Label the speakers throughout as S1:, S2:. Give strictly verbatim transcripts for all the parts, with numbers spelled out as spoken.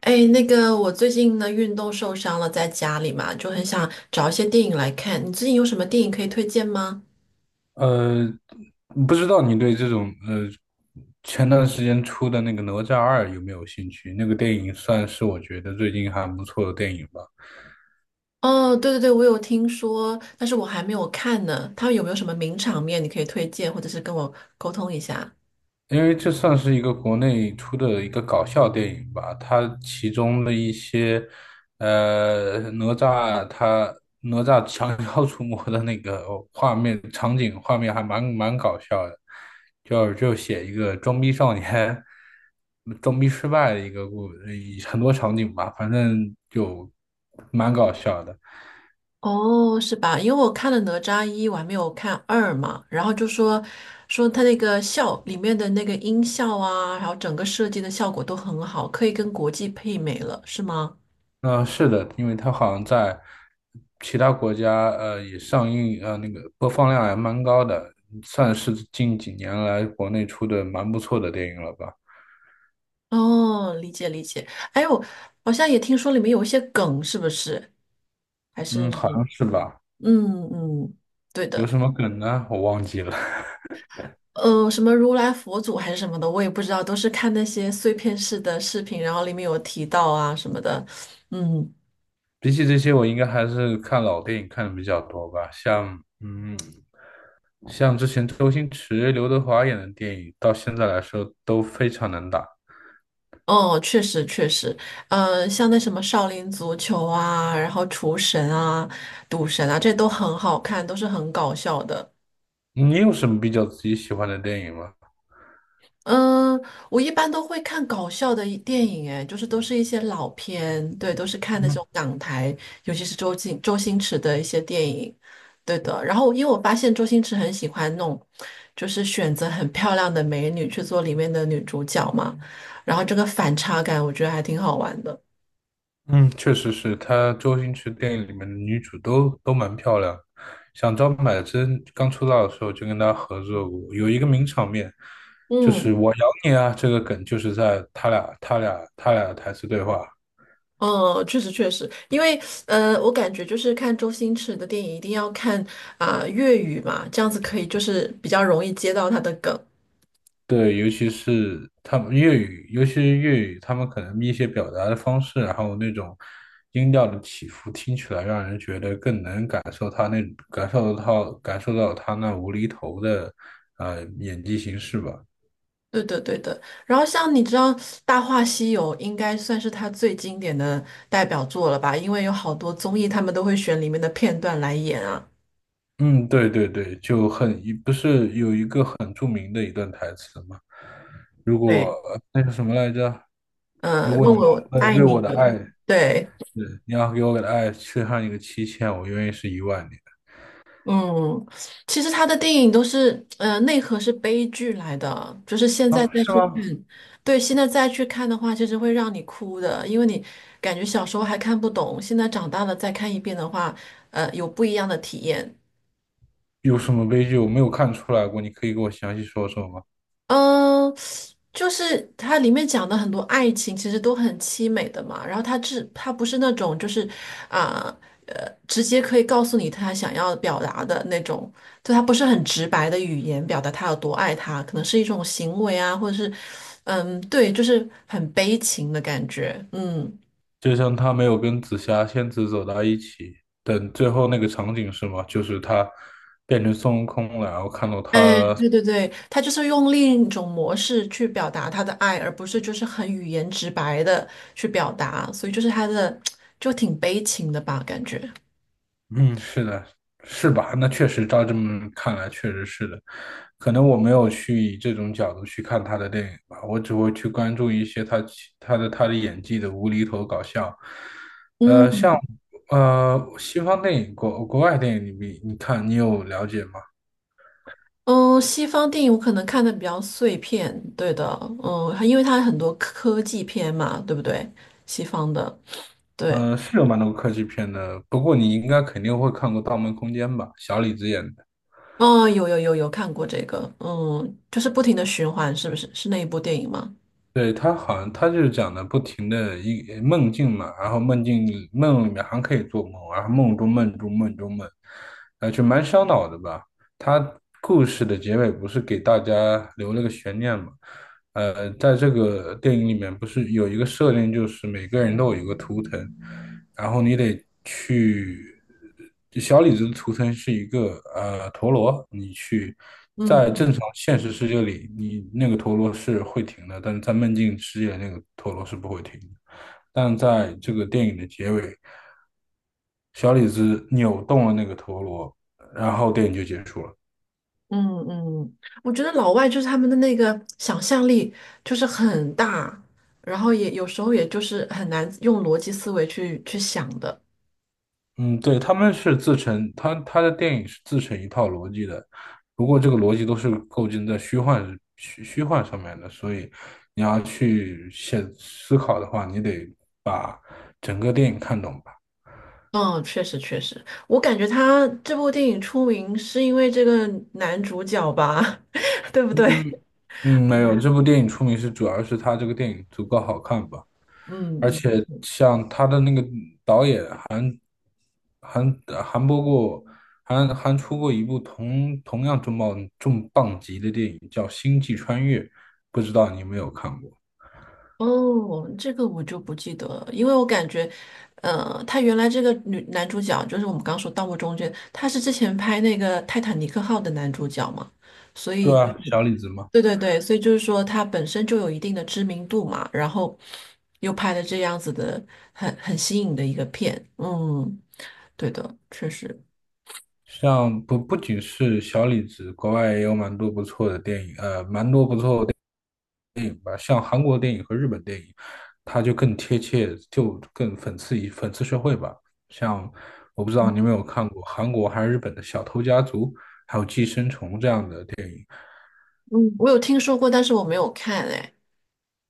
S1: 哎，那个，我最近呢运动受伤了，在家里嘛，就很想找一些电影来看。你最近有什么电影可以推荐吗？
S2: 呃，不知道你对这种呃前段时间出的那个《哪吒二》有没有兴趣？那个电影算是我觉得最近还不错的电影吧。
S1: 哦，对对对，我有听说，但是我还没有看呢。他们有没有什么名场面你可以推荐，或者是跟我沟通一下？
S2: 因为这算是一个国内出的一个搞笑电影吧，它其中的一些，呃，哪吒他哪吒降 妖除魔的那个画面场景画面还蛮蛮搞笑的，就就写一个装逼少年装逼失败的一个故，一很多场景吧，反正就蛮搞笑的。
S1: 哦，是吧？因为我看了《哪吒一》，我还没有看二嘛，然后就说说他那个效里面的那个音效啊，还有整个设计的效果都很好，可以跟国际媲美了，是吗？
S2: 嗯、呃是的，因为它好像在其他国家，呃，也上映，呃，那个播放量还蛮高的，算是近几年来国内出的蛮不错的电影了吧？
S1: 哦，理解理解。哎呦，好像也听说里面有一些梗，是不是？还是
S2: 嗯，好像是吧？
S1: 嗯嗯，对
S2: 有
S1: 的。
S2: 什么梗呢？我忘记了。
S1: 呃，什么如来佛祖还是什么的，我也不知道，都是看那些碎片式的视频，然后里面有提到啊什么的。嗯。
S2: 比起这些，我应该还是看老电影看的比较多吧，像，嗯，像之前周星驰、刘德华演的电影，到现在来说都非常能打。
S1: 哦，确实确实，呃，像那什么少林足球啊，然后厨神啊、赌神啊，这都很好看，都是很搞笑的。
S2: 你有什么比较自己喜欢的电影吗？
S1: 嗯，我一般都会看搞笑的一电影，哎，就是都是一些老片，对，都是看那
S2: 嗯。
S1: 种港台，尤其是周星周星驰的一些电影，对的。然后，因为我发现周星驰很喜欢弄，就是选择很漂亮的美女去做里面的女主角嘛，然后这个反差感，我觉得还挺好玩的。
S2: 嗯，确实是，她周星驰电影里面的女主都都蛮漂亮。像张柏芝刚出道的时候就跟她合作过，有一个名场面，就是
S1: 嗯。
S2: “我咬你啊"这个梗，就是在他俩、他俩、他俩的台词对话。
S1: 嗯，确实确实，因为呃，我感觉就是看周星驰的电影一定要看啊、粤语嘛，这样子可以就是比较容易接到他的梗。
S2: 对，尤其是他们粤语，尤其是粤语，他们可能一些表达的方式，然后那种音调的起伏，听起来让人觉得更能感受他那感受到感受到他那无厘头的呃演技形式吧。
S1: 对的，对的。然后像你知道，《大话西游》应该算是他最经典的代表作了吧？因为有好多综艺，他们都会选里面的片段来演啊。
S2: 嗯，对对对，就很，不是有一个很著名的一段台词吗？如
S1: 对，
S2: 果那是什么来着？
S1: 嗯，
S2: 如
S1: 呃
S2: 果
S1: 问
S2: 你
S1: 我
S2: 为
S1: 爱
S2: 为我
S1: 你
S2: 的
S1: 的。
S2: 爱，
S1: 对，
S2: 对，你要给我的爱缺上一个七千，我愿意是一万年
S1: 嗯，其实他的电影都是，呃，内核是悲剧来的，就是现
S2: 啊，
S1: 在再
S2: 是
S1: 去
S2: 吗？
S1: 看，对，现在再去看的话，其实会让你哭的，因为你感觉小时候还看不懂，现在长大了再看一遍的话，呃，有不一样的体验。
S2: 有什么悲剧我没有看出来过？你可以给我详细说说吗？
S1: 嗯，就是它里面讲的很多爱情，其实都很凄美的嘛。然后它是它不是那种就是啊呃，直接可以告诉你他想要表达的那种，就他不是很直白的语言表达他有多爱他，可能是一种行为啊，或者是嗯对，就是很悲情的感觉。嗯，
S2: 就像他没有跟紫霞仙子走到一起，等最后那个场景是吗？就是他变成孙悟空了，然后看到
S1: 哎，
S2: 他
S1: 对对对，他就是用另一种模式去表达他的爱，而不是就是很语言直白的去表达，所以就是他的 就挺悲情的吧，感觉。
S2: 嗯，是的，是吧？那确实，照这么看来，确实是的。可能我没有去以这种角度去看他的电影吧，我只会去关注一些他其他的他的演技的无厘头搞笑。呃，像
S1: 嗯。
S2: 呃西方电影、国国外电影你你看你有了解吗？
S1: 嗯，西方电影我可能看的比较碎片，对的，嗯，因为它很多科技片嘛，对不对？西方的，对，
S2: 嗯，是有蛮多科技片的，不过你应该肯定会看过《盗梦空间》吧？小李子演的。
S1: 哦，有有有有看过这个，嗯，就是不停的循环，是不是？是那一部电影吗？
S2: 对，他好像他就是讲的不停的一呃梦境嘛，然后梦境里梦里面还可以做梦，然后梦中梦中梦中梦，呃，就蛮烧脑的吧。他故事的结尾不是给大家留了个悬念嘛？呃，在这个电影里面不是有一个设定，就是每个人都有一个图腾，然后你得去，小李子的图层是一个呃陀螺，你去在
S1: 嗯
S2: 正常现实世界里，你那个陀螺是会停的，但是在梦境世界那个陀螺是不会停的。但在这个电影的结尾，小李子扭动了那个陀螺，然后电影就结束了。
S1: 嗯嗯，我觉得老外就是他们的那个想象力就是很大，然后也有时候也就是很难用逻辑思维去去想的。
S2: 嗯对，他们是自成，他他的电影是自成一套逻辑的，不过这个逻辑都是构建在虚幻虚虚幻上面的，所以你要去写思考的话，你得把整个电影看懂吧。
S1: 嗯，确实确实，我感觉他这部电影出名是因为这个男主角吧，对不对？
S2: 嗯嗯，没有，这部电影出名是主要是他这个电影足够好看吧，而且像他的那个导演。还还播过，还还出过一部同同样重磅重磅级的电影，叫《星际穿越》，不知道你有没有看过？
S1: 哦，这个我就不记得了，因为我感觉，呃，他原来这个女男主角就是我们刚说《盗墓中》间，他是之前拍那个《泰坦尼克号》的男主角嘛，所以
S2: 对
S1: 就
S2: 啊，小李子嘛，
S1: 对对对，所以就是说他本身就有一定的知名度嘛，然后又拍了这样子的很很新颖的一个片，嗯，对的，确实。
S2: 像不不仅是小李子，国外也有蛮多不错的电影，呃，蛮多不错的电影吧，像韩国电影和日本电影，它就更贴切，就更讽刺一讽刺社会吧。像我不知道你有没有看过韩国还是日本的《小偷家族》，还有《寄生虫》这样的。
S1: 嗯，我有听说过，但是我没有看哎。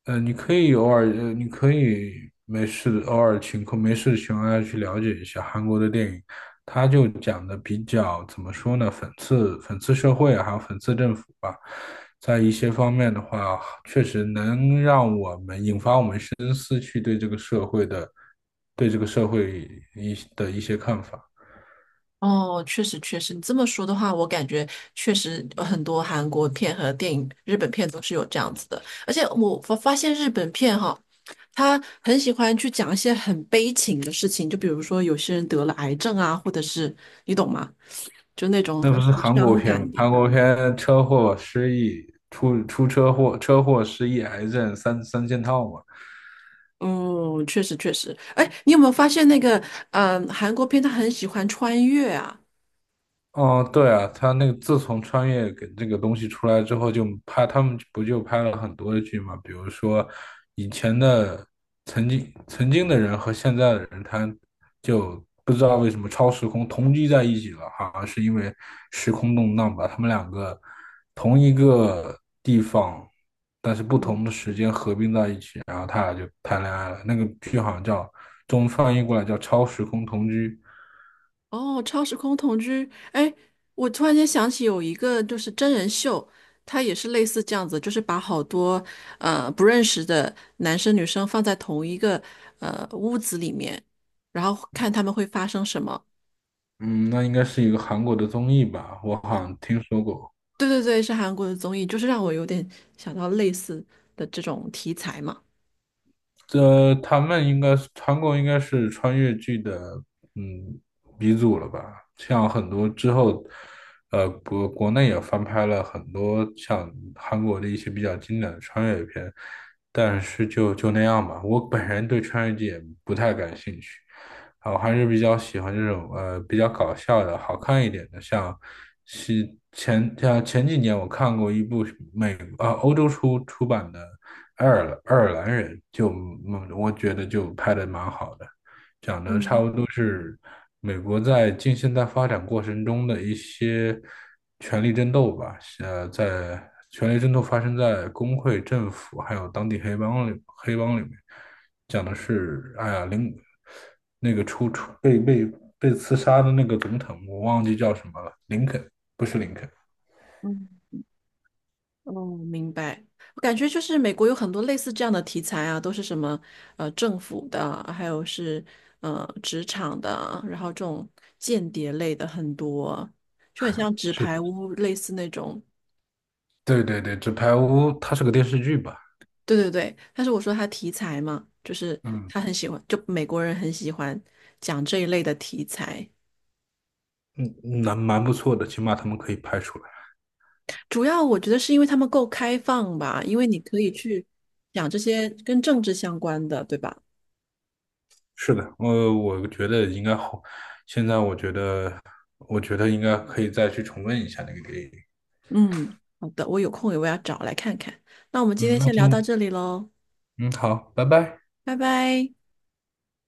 S2: 呃，你可以偶尔，呃，你可以没事的偶尔情况没事的情况下去了解一下韩国的电影，他就讲的比较怎么说呢，讽刺讽刺社会还有讽刺政府吧，在一些方面的话，确实能让我们引发我们深思，去对这个社会的对这个社会一的一些看法。
S1: 哦，确实确实，你这么说的话，我感觉确实呃很多韩国片和电影、日本片都是有这样子的。而且我发发现日本片哈，他很喜欢去讲一些很悲情的事情，就比如说有些人得了癌症啊，或者是你懂吗？就那种
S2: 那
S1: 很
S2: 不是韩国
S1: 伤
S2: 片吗？
S1: 感的。
S2: 韩国片车祸、失忆、出出车祸、车祸、失忆、癌症三三件套嘛。
S1: 嗯，确实确实。哎，你有没有发现那个嗯、呃韩国片他很喜欢穿越啊？
S2: 哦，对啊，他那个自从穿越给这个东西出来之后，就拍他们不就拍了很多的剧嘛？比如说以前的曾经曾经的人和现在的人，他就不知道为什么超时空同居在一起了，好像是因为时空动荡把他们两个同一个地方，但是不同的时间合并在一起，然后他俩就谈恋爱了。那个剧好像叫中文翻译过来叫《超时空同居》。
S1: 哦，超时空同居，哎，我突然间想起有一个就是真人秀，它也是类似这样子，就是把好多呃不认识的男生女生放在同一个呃屋子里面，然后看他们会发生什么。
S2: 嗯，那应该是一个韩国的综艺吧，我好像听说过。
S1: 对对对，是韩国的综艺，就是让我有点想到类似的这种题材嘛。
S2: 这他们应该是韩国应该是穿越剧的嗯鼻祖了吧？像很多之后，呃，国国内也翻拍了很多像韩国的一些比较经典的穿越片，但是就就那样吧。我本人对穿越剧也不太感兴趣，啊，我还是比较喜欢这种呃比较搞笑的、好看一点的，像是前像前几年我看过一部美呃欧洲出出版的。爱尔兰爱尔兰人，就嗯我觉得就拍的蛮好的，讲的差不多是美国在近现代发展过程中的一些权力争斗吧，呃，在权力争斗发生在工会、政府还有当地黑帮里黑帮里面，讲的是哎呀林那个出出被被被刺杀的那个总统，我忘记叫什么了，林肯不是林肯，
S1: 嗯。哦，明白。我感觉就是美国有很多类似这样的题材啊，都是什么呃政府的，还有是呃职场的啊，然后这种间谍类的很多，就很像纸牌
S2: 是
S1: 屋类似那种。
S2: 对对对，纸牌屋它是个电视剧吧，
S1: 对对对，但是我说他题材嘛，就是
S2: 嗯。
S1: 他很喜欢，就美国人很喜欢讲这一类的题材。
S2: 嗯，蛮蛮不错的，起码他们可以拍出来。
S1: 主要我觉得是因为他们够开放吧，因为你可以去讲这些跟政治相关的，对吧？
S2: 是的，呃，我觉得应该好。现在我觉得，我觉得应该可以再去重温一下那个电影。
S1: 嗯，好的，我有空也我要找来看看。那我们今
S2: 嗯，
S1: 天
S2: 那
S1: 先聊到
S2: 今，
S1: 这里喽，
S2: 嗯，好，拜拜。
S1: 拜拜。